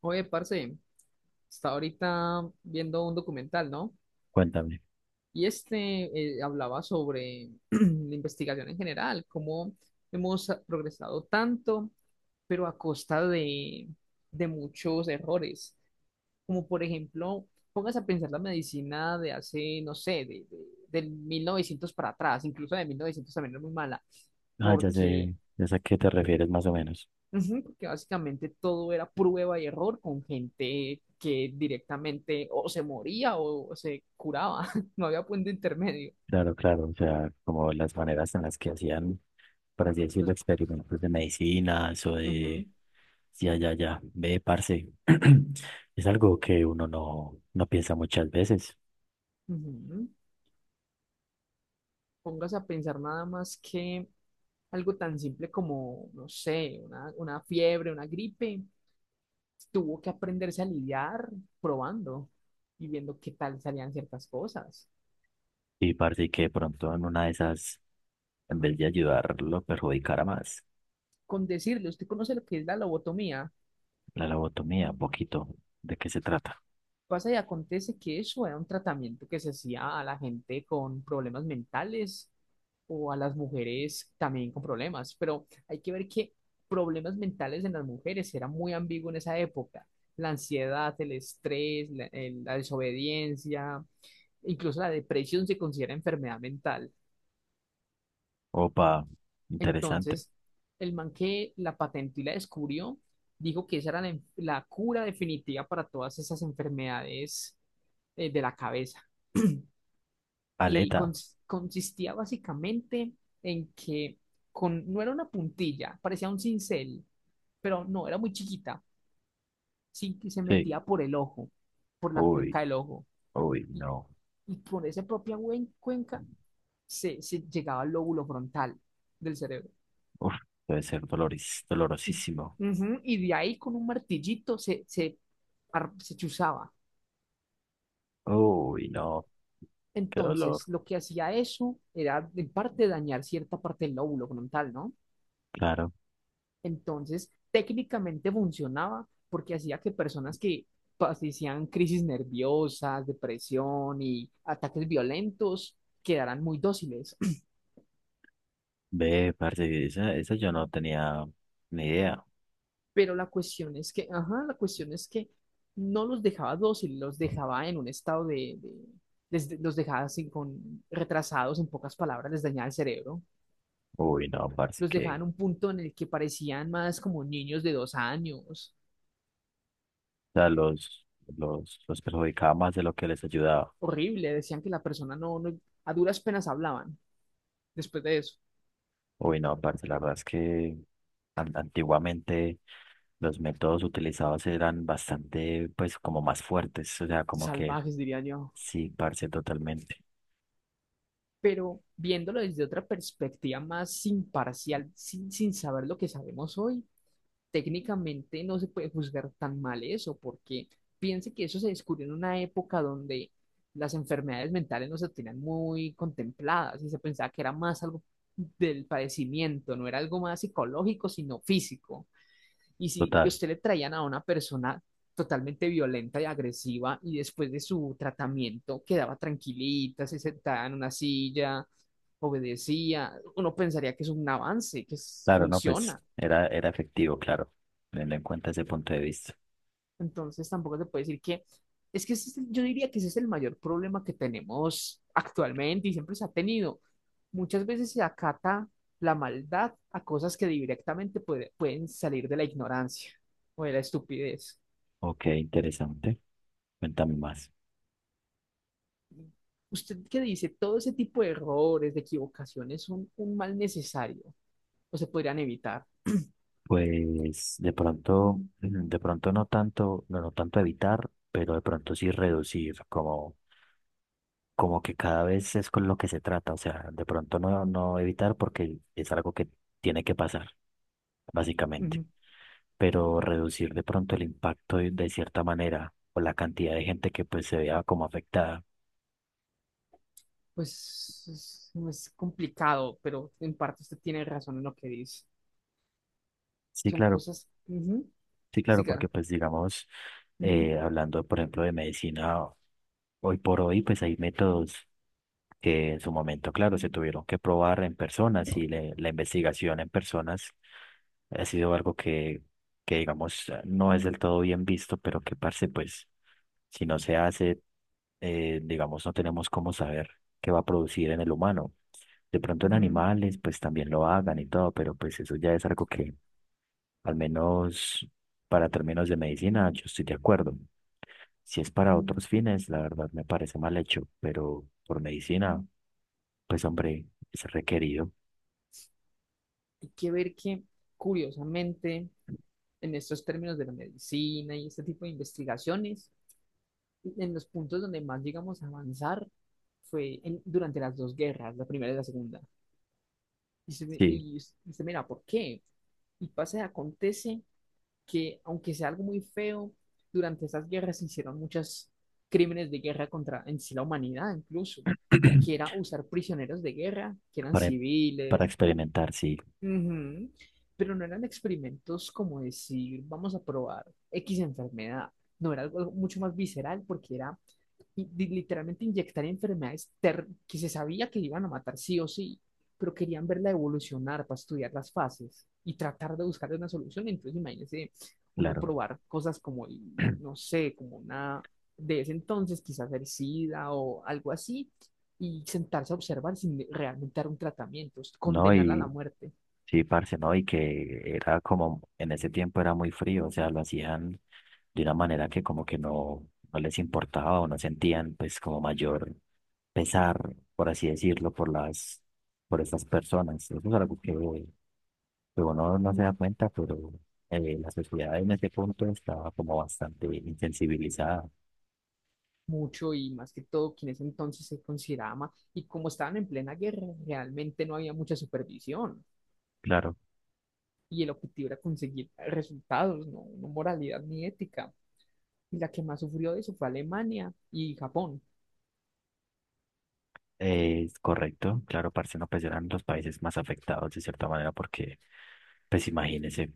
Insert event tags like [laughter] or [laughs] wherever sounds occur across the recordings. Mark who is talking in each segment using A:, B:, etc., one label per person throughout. A: Oye, parce, está ahorita viendo un documental, ¿no?
B: Cuéntame.
A: Y este hablaba sobre [clears throat] la investigación en general, cómo hemos progresado tanto, pero a costa de muchos errores. Como por ejemplo, póngase a pensar la medicina de hace, no sé, del 1900 para atrás, incluso de 1900 también era muy mala.
B: Ah,
A: Porque
B: ya sé a qué te refieres más o menos.
A: Ujú. Porque básicamente todo era prueba y error con gente que directamente o se moría o se curaba, [laughs] no había punto intermedio.
B: Claro, claro, o sea, como las maneras en las que hacían, por así decirlo,
A: Pues,
B: experimentos de medicinas o
A: ujú,
B: de. Ya, ya, ya, ve, parce. [clears throat] Es algo que uno no piensa muchas veces
A: ujú. Póngase a pensar nada más que algo tan simple como, no sé, una fiebre, una gripe, tuvo que aprenderse a lidiar probando y viendo qué tal salían ciertas cosas.
B: y parece que de pronto en una de esas, en vez de ayudarlo, perjudicara más.
A: Con decirle, ¿usted conoce lo que es la lobotomía?
B: La lobotomía, un poquito. ¿De qué se trata?
A: Pasa y acontece que eso era un tratamiento que se hacía a la gente con problemas mentales o a las mujeres también con problemas, pero hay que ver que problemas mentales en las mujeres era muy ambiguo en esa época. La ansiedad, el estrés, la desobediencia, incluso la depresión se considera enfermedad mental.
B: Opa, interesante.
A: Entonces, el man que la patentó y la descubrió, dijo que esa era la cura definitiva para todas esas enfermedades, de la cabeza. Y
B: Aleta,
A: consistía básicamente en que con, no era una puntilla, parecía un cincel, pero no, era muy chiquita, sí, que se
B: sí.
A: metía por el ojo, por la
B: Uy,
A: cuenca del ojo,
B: uy,
A: y,
B: no.
A: y por esa propia cuenca se llegaba al lóbulo frontal del cerebro.
B: Uf, debe ser
A: Y,
B: dolorosísimo.
A: Ujú, y de ahí con un martillito se chuzaba.
B: Uy, no, qué dolor.
A: Entonces, lo que hacía eso era, en parte, dañar cierta parte del lóbulo frontal, ¿no?
B: Claro,
A: Entonces, técnicamente funcionaba porque hacía que personas que padecían crisis nerviosas, depresión y ataques violentos quedaran muy dóciles.
B: ve, parce, esa yo no tenía ni idea.
A: [clears throat] Pero la cuestión es que, ajá, la cuestión es que no los dejaba dóciles, los dejaba en un estado de, los dejaba así con retrasados, en pocas palabras, les dañaba el cerebro.
B: Uy, no, parce,
A: Los dejaba
B: que,
A: en un punto en el que parecían más como niños de 2 años.
B: o sea, los perjudicaba más de lo que les ayudaba.
A: Horrible, decían que la persona no, no, a duras penas hablaban después de eso.
B: Uy, no, parce, la verdad es que antiguamente los métodos utilizados eran bastante, pues, como más fuertes, o sea, como que,
A: Salvajes, diría yo.
B: sí, parce, totalmente.
A: Pero viéndolo desde otra perspectiva más imparcial, sin saber lo que sabemos hoy, técnicamente no se puede juzgar tan mal eso, porque piense que eso se descubrió en una época donde las enfermedades mentales no se tenían muy contempladas y se pensaba que era más algo del padecimiento, no era algo más psicológico, sino físico. Y si
B: Total,
A: usted le traían a una persona totalmente violenta y agresiva y después de su tratamiento quedaba tranquilita, se sentaba en una silla, obedecía, uno pensaría que es un avance, que es-
B: claro, no, pues,
A: funciona.
B: era, era efectivo, claro, teniendo en cuenta ese punto de vista.
A: Entonces tampoco se puede decir que, es que ese yo diría que ese es el mayor problema que tenemos actualmente y siempre se ha tenido. Muchas veces se acata la maldad a cosas que directamente pueden salir de la ignorancia o de la estupidez.
B: Ok, interesante. Cuéntame más.
A: ¿Usted qué dice? Todo ese tipo de errores, de equivocaciones son un mal necesario o se podrían evitar.
B: Pues de pronto, de pronto no tanto, no, no tanto evitar, pero de pronto sí reducir, como, como que cada vez es con lo que se trata. O sea, de pronto no, no evitar porque es algo que tiene que pasar, básicamente.
A: Ujú.
B: Pero reducir de pronto el impacto de cierta manera o la cantidad de gente que pues se vea como afectada.
A: Pues no es complicado, pero en parte usted tiene razón en lo que dice.
B: Sí,
A: Son
B: claro.
A: cosas, ujú,
B: Sí, claro, porque
A: siga,
B: pues digamos,
A: ujú,
B: hablando por ejemplo de medicina, hoy por hoy pues hay métodos que en su momento, claro, se tuvieron que probar en personas y la investigación en personas ha sido algo que digamos no es del todo bien visto, pero que parce pues si no se hace, digamos no tenemos cómo saber qué va a producir en el humano. De pronto en
A: ujú.
B: animales pues también lo hagan y todo, pero pues eso ya es algo que al menos para términos de medicina, yo estoy de acuerdo. Si es para otros fines, la verdad me parece mal hecho, pero por medicina, pues hombre, es requerido.
A: Hay que ver que, curiosamente, en estos términos de la medicina y este tipo de investigaciones, en los puntos donde más llegamos a avanzar fue durante las dos guerras, la primera y la segunda. Y se me-
B: Sí.
A: y usted mira, ¿por qué? Y pasa y acontece que, aunque sea algo muy feo, durante esas guerras se hicieron muchos crímenes de guerra contra en sí la humanidad, incluso, que era
B: [clears throat]
A: usar prisioneros de guerra, que eran
B: para, para
A: civiles, ¿cómo?
B: experimentar, sí,
A: Ujú. Pero no eran experimentos como decir, vamos a probar X enfermedad. No, era algo mucho más visceral porque era literalmente inyectar enfermedades que se sabía que iban a matar sí o sí, pero querían verla evolucionar para estudiar las fases y tratar de buscar una solución. Entonces, imagínese uno
B: claro.
A: probar cosas como,
B: [clears throat]
A: no sé, como una de ese entonces, quizás el SIDA o algo así, y sentarse a observar sin realmente dar un tratamiento,
B: No,
A: condenarla a la
B: y
A: muerte
B: sí, parce, ¿no? Y que era como, en ese tiempo era muy frío, o sea, lo hacían de una manera que como que no, no les importaba o no sentían pues como mayor pesar, por así decirlo, por las, por estas personas. Eso es algo que uno no se da cuenta, pero la sociedad en ese punto estaba como bastante insensibilizada.
A: mucho y más que todo quienes entonces se consideraban y como estaban en plena guerra, realmente no había mucha supervisión.
B: Claro.
A: Y el objetivo era conseguir resultados, no, no moralidad ni ética. Y la que más sufrió de eso fue Alemania y Japón.
B: Es correcto, claro, parce, no, pues eran los países más afectados de cierta manera porque, pues imagínese,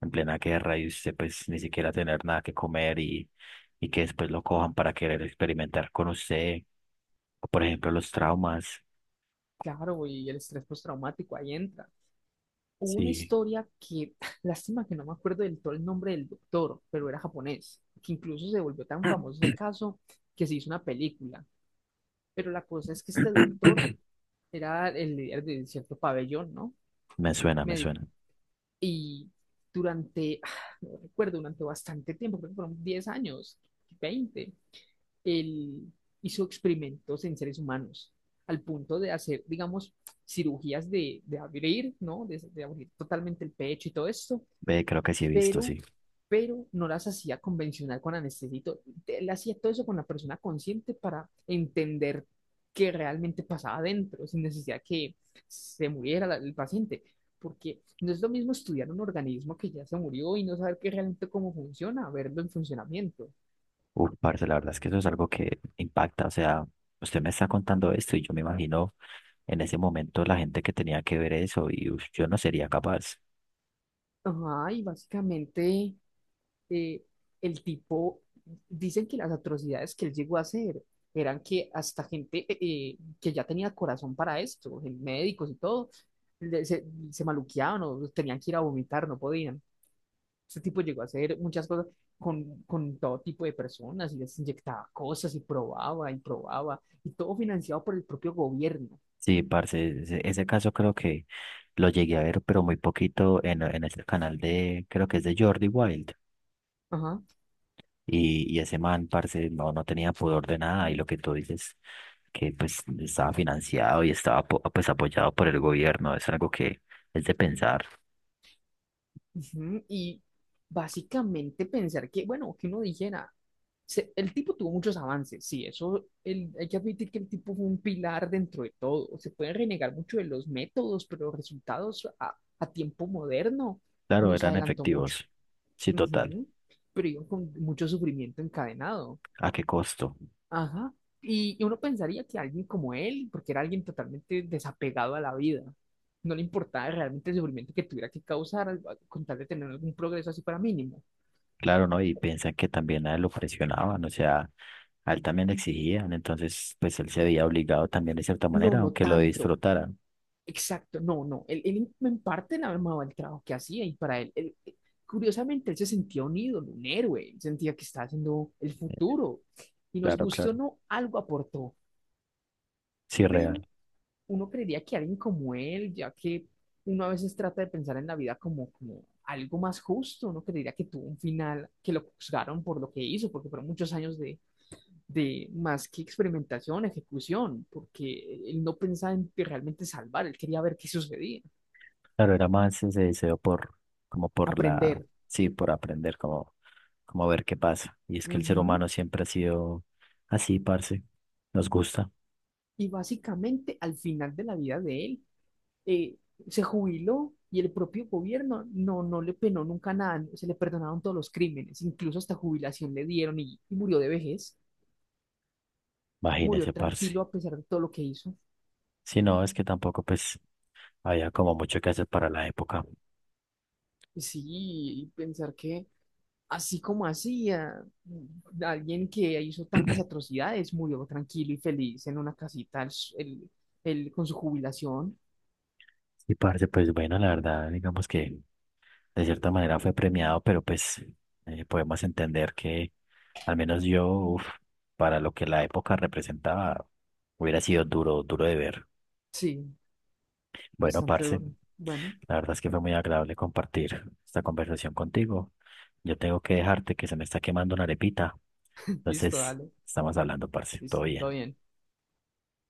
B: en plena guerra y usted pues ni siquiera tener nada que comer y que después lo cojan para querer experimentar con usted, o por ejemplo los traumas,
A: Claro, y el estrés postraumático ahí entra. Hubo una
B: sí,
A: historia que, [laughs] lástima que no me acuerdo del todo el nombre del doctor, pero era japonés, que incluso se volvió tan famoso
B: [coughs]
A: ese caso que se hizo una película. Pero la cosa es que este doctor
B: [clears throat]
A: era el líder de cierto pabellón, ¿no?
B: me
A: Médico.
B: suena,
A: Y durante, [sighs] no recuerdo, durante bastante tiempo, creo que fueron 10 años, 20. Él hizo experimentos en seres humanos al punto de hacer, digamos, cirugías de abrir, ¿no? Abrir totalmente el pecho y todo esto,
B: ve, creo que sí he visto,
A: pero,
B: sí.
A: pero no las hacía convencional con anestesia. Él hacía todo eso con la persona consciente para entender qué realmente pasaba adentro, sin necesidad que se muriera el paciente, porque no es lo mismo estudiar un organismo que ya se murió y no saber qué realmente cómo funciona, verlo en funcionamiento.
B: Uf, parce, la verdad es que eso es algo que impacta. O sea, usted me está contando esto y yo me imagino en ese momento la gente que tenía que ver eso y uf, yo no sería capaz.
A: Ajá, y básicamente eh, el tipo, dicen que las atrocidades que él llegó a hacer eran que hasta gente que ya tenía corazón para esto, médicos y todo, le- se, se maluqueaban o tenían que ir a vomitar, no podían. Este tipo llegó a hacer muchas cosas con todo tipo de personas y les inyectaba cosas y probaba y probaba y todo financiado por el propio gobierno.
B: Sí, parce, ese caso creo que lo llegué a ver, pero muy poquito en este canal de, creo que es de Jordi Wild.
A: Ajá.
B: Y ese man, parce, no, no tenía pudor de nada. Y lo que tú dices, que pues estaba financiado y estaba pues apoyado por el gobierno, es algo que es de pensar.
A: Ujú. Y básicamente pensar que, bueno, que uno dijera, el tipo tuvo muchos avances, sí, eso el- hay que admitir que el tipo fue un pilar dentro de todo. Se pueden renegar mucho de los métodos, pero los resultados a tiempo moderno
B: Claro,
A: nos
B: eran
A: adelantó mucho.
B: efectivos. Sí, total.
A: Ujú. Pero iban con mucho sufrimiento encadenado.
B: ¿A qué costo?
A: Ajá. Y uno pensaría que alguien como él, porque era alguien totalmente desapegado a la vida, no le importaba realmente el sufrimiento que tuviera que causar con tal de tener algún progreso así para mínimo.
B: Claro, ¿no? Y piensan que también a él lo presionaban, o sea, a él también le exigían, entonces pues él se había obligado también de cierta
A: No,
B: manera,
A: no
B: aunque lo
A: tanto.
B: disfrutara.
A: Exacto, no, no, él en parte le amaba el trabajo que hacía y para él, curiosamente, él se sentía un ídolo, un héroe, él sentía que estaba haciendo el futuro y nos
B: Claro,
A: gustó o
B: claro.
A: no, algo aportó,
B: Sí,
A: pero
B: real.
A: uno creería que alguien como él, ya que uno a veces trata de pensar en la vida como, algo más justo, uno creería que tuvo un final, que lo juzgaron por lo que hizo, porque fueron muchos años de más que experimentación, ejecución, porque él no pensaba en realmente salvar, él quería ver qué sucedía,
B: Claro, era más ese deseo por, como por la,
A: aprender.
B: sí, por aprender, como, como ver qué pasa. Y es que el ser
A: Ujú.
B: humano siempre ha sido así, parce. Nos gusta,
A: Y básicamente al final de la vida de él, eh, se jubiló y el propio gobierno no, no le penó nunca nada, se le perdonaron todos los crímenes, incluso hasta jubilación le dieron y murió de vejez, murió
B: imagínese, parce.
A: tranquilo a pesar de todo lo que hizo.
B: Si no, es que tampoco pues había como mucho que hacer para la época.
A: Sí, y pensar que así como hacía, alguien que hizo tantas atrocidades murió tranquilo y feliz en una casita el- con su jubilación.
B: Y parce, pues bueno, la verdad, digamos que de cierta manera fue premiado, pero pues podemos entender que al menos yo, uf, para lo que la época representaba, hubiera sido duro, duro de ver.
A: Sí,
B: Bueno,
A: bastante
B: parce,
A: duro. Bueno,
B: la verdad es que fue muy agradable compartir esta conversación contigo. Yo tengo que dejarte que se me está quemando una arepita,
A: [laughs] listo,
B: entonces
A: dale,
B: estamos hablando, parce, todo
A: listo, todo
B: bien.
A: bien.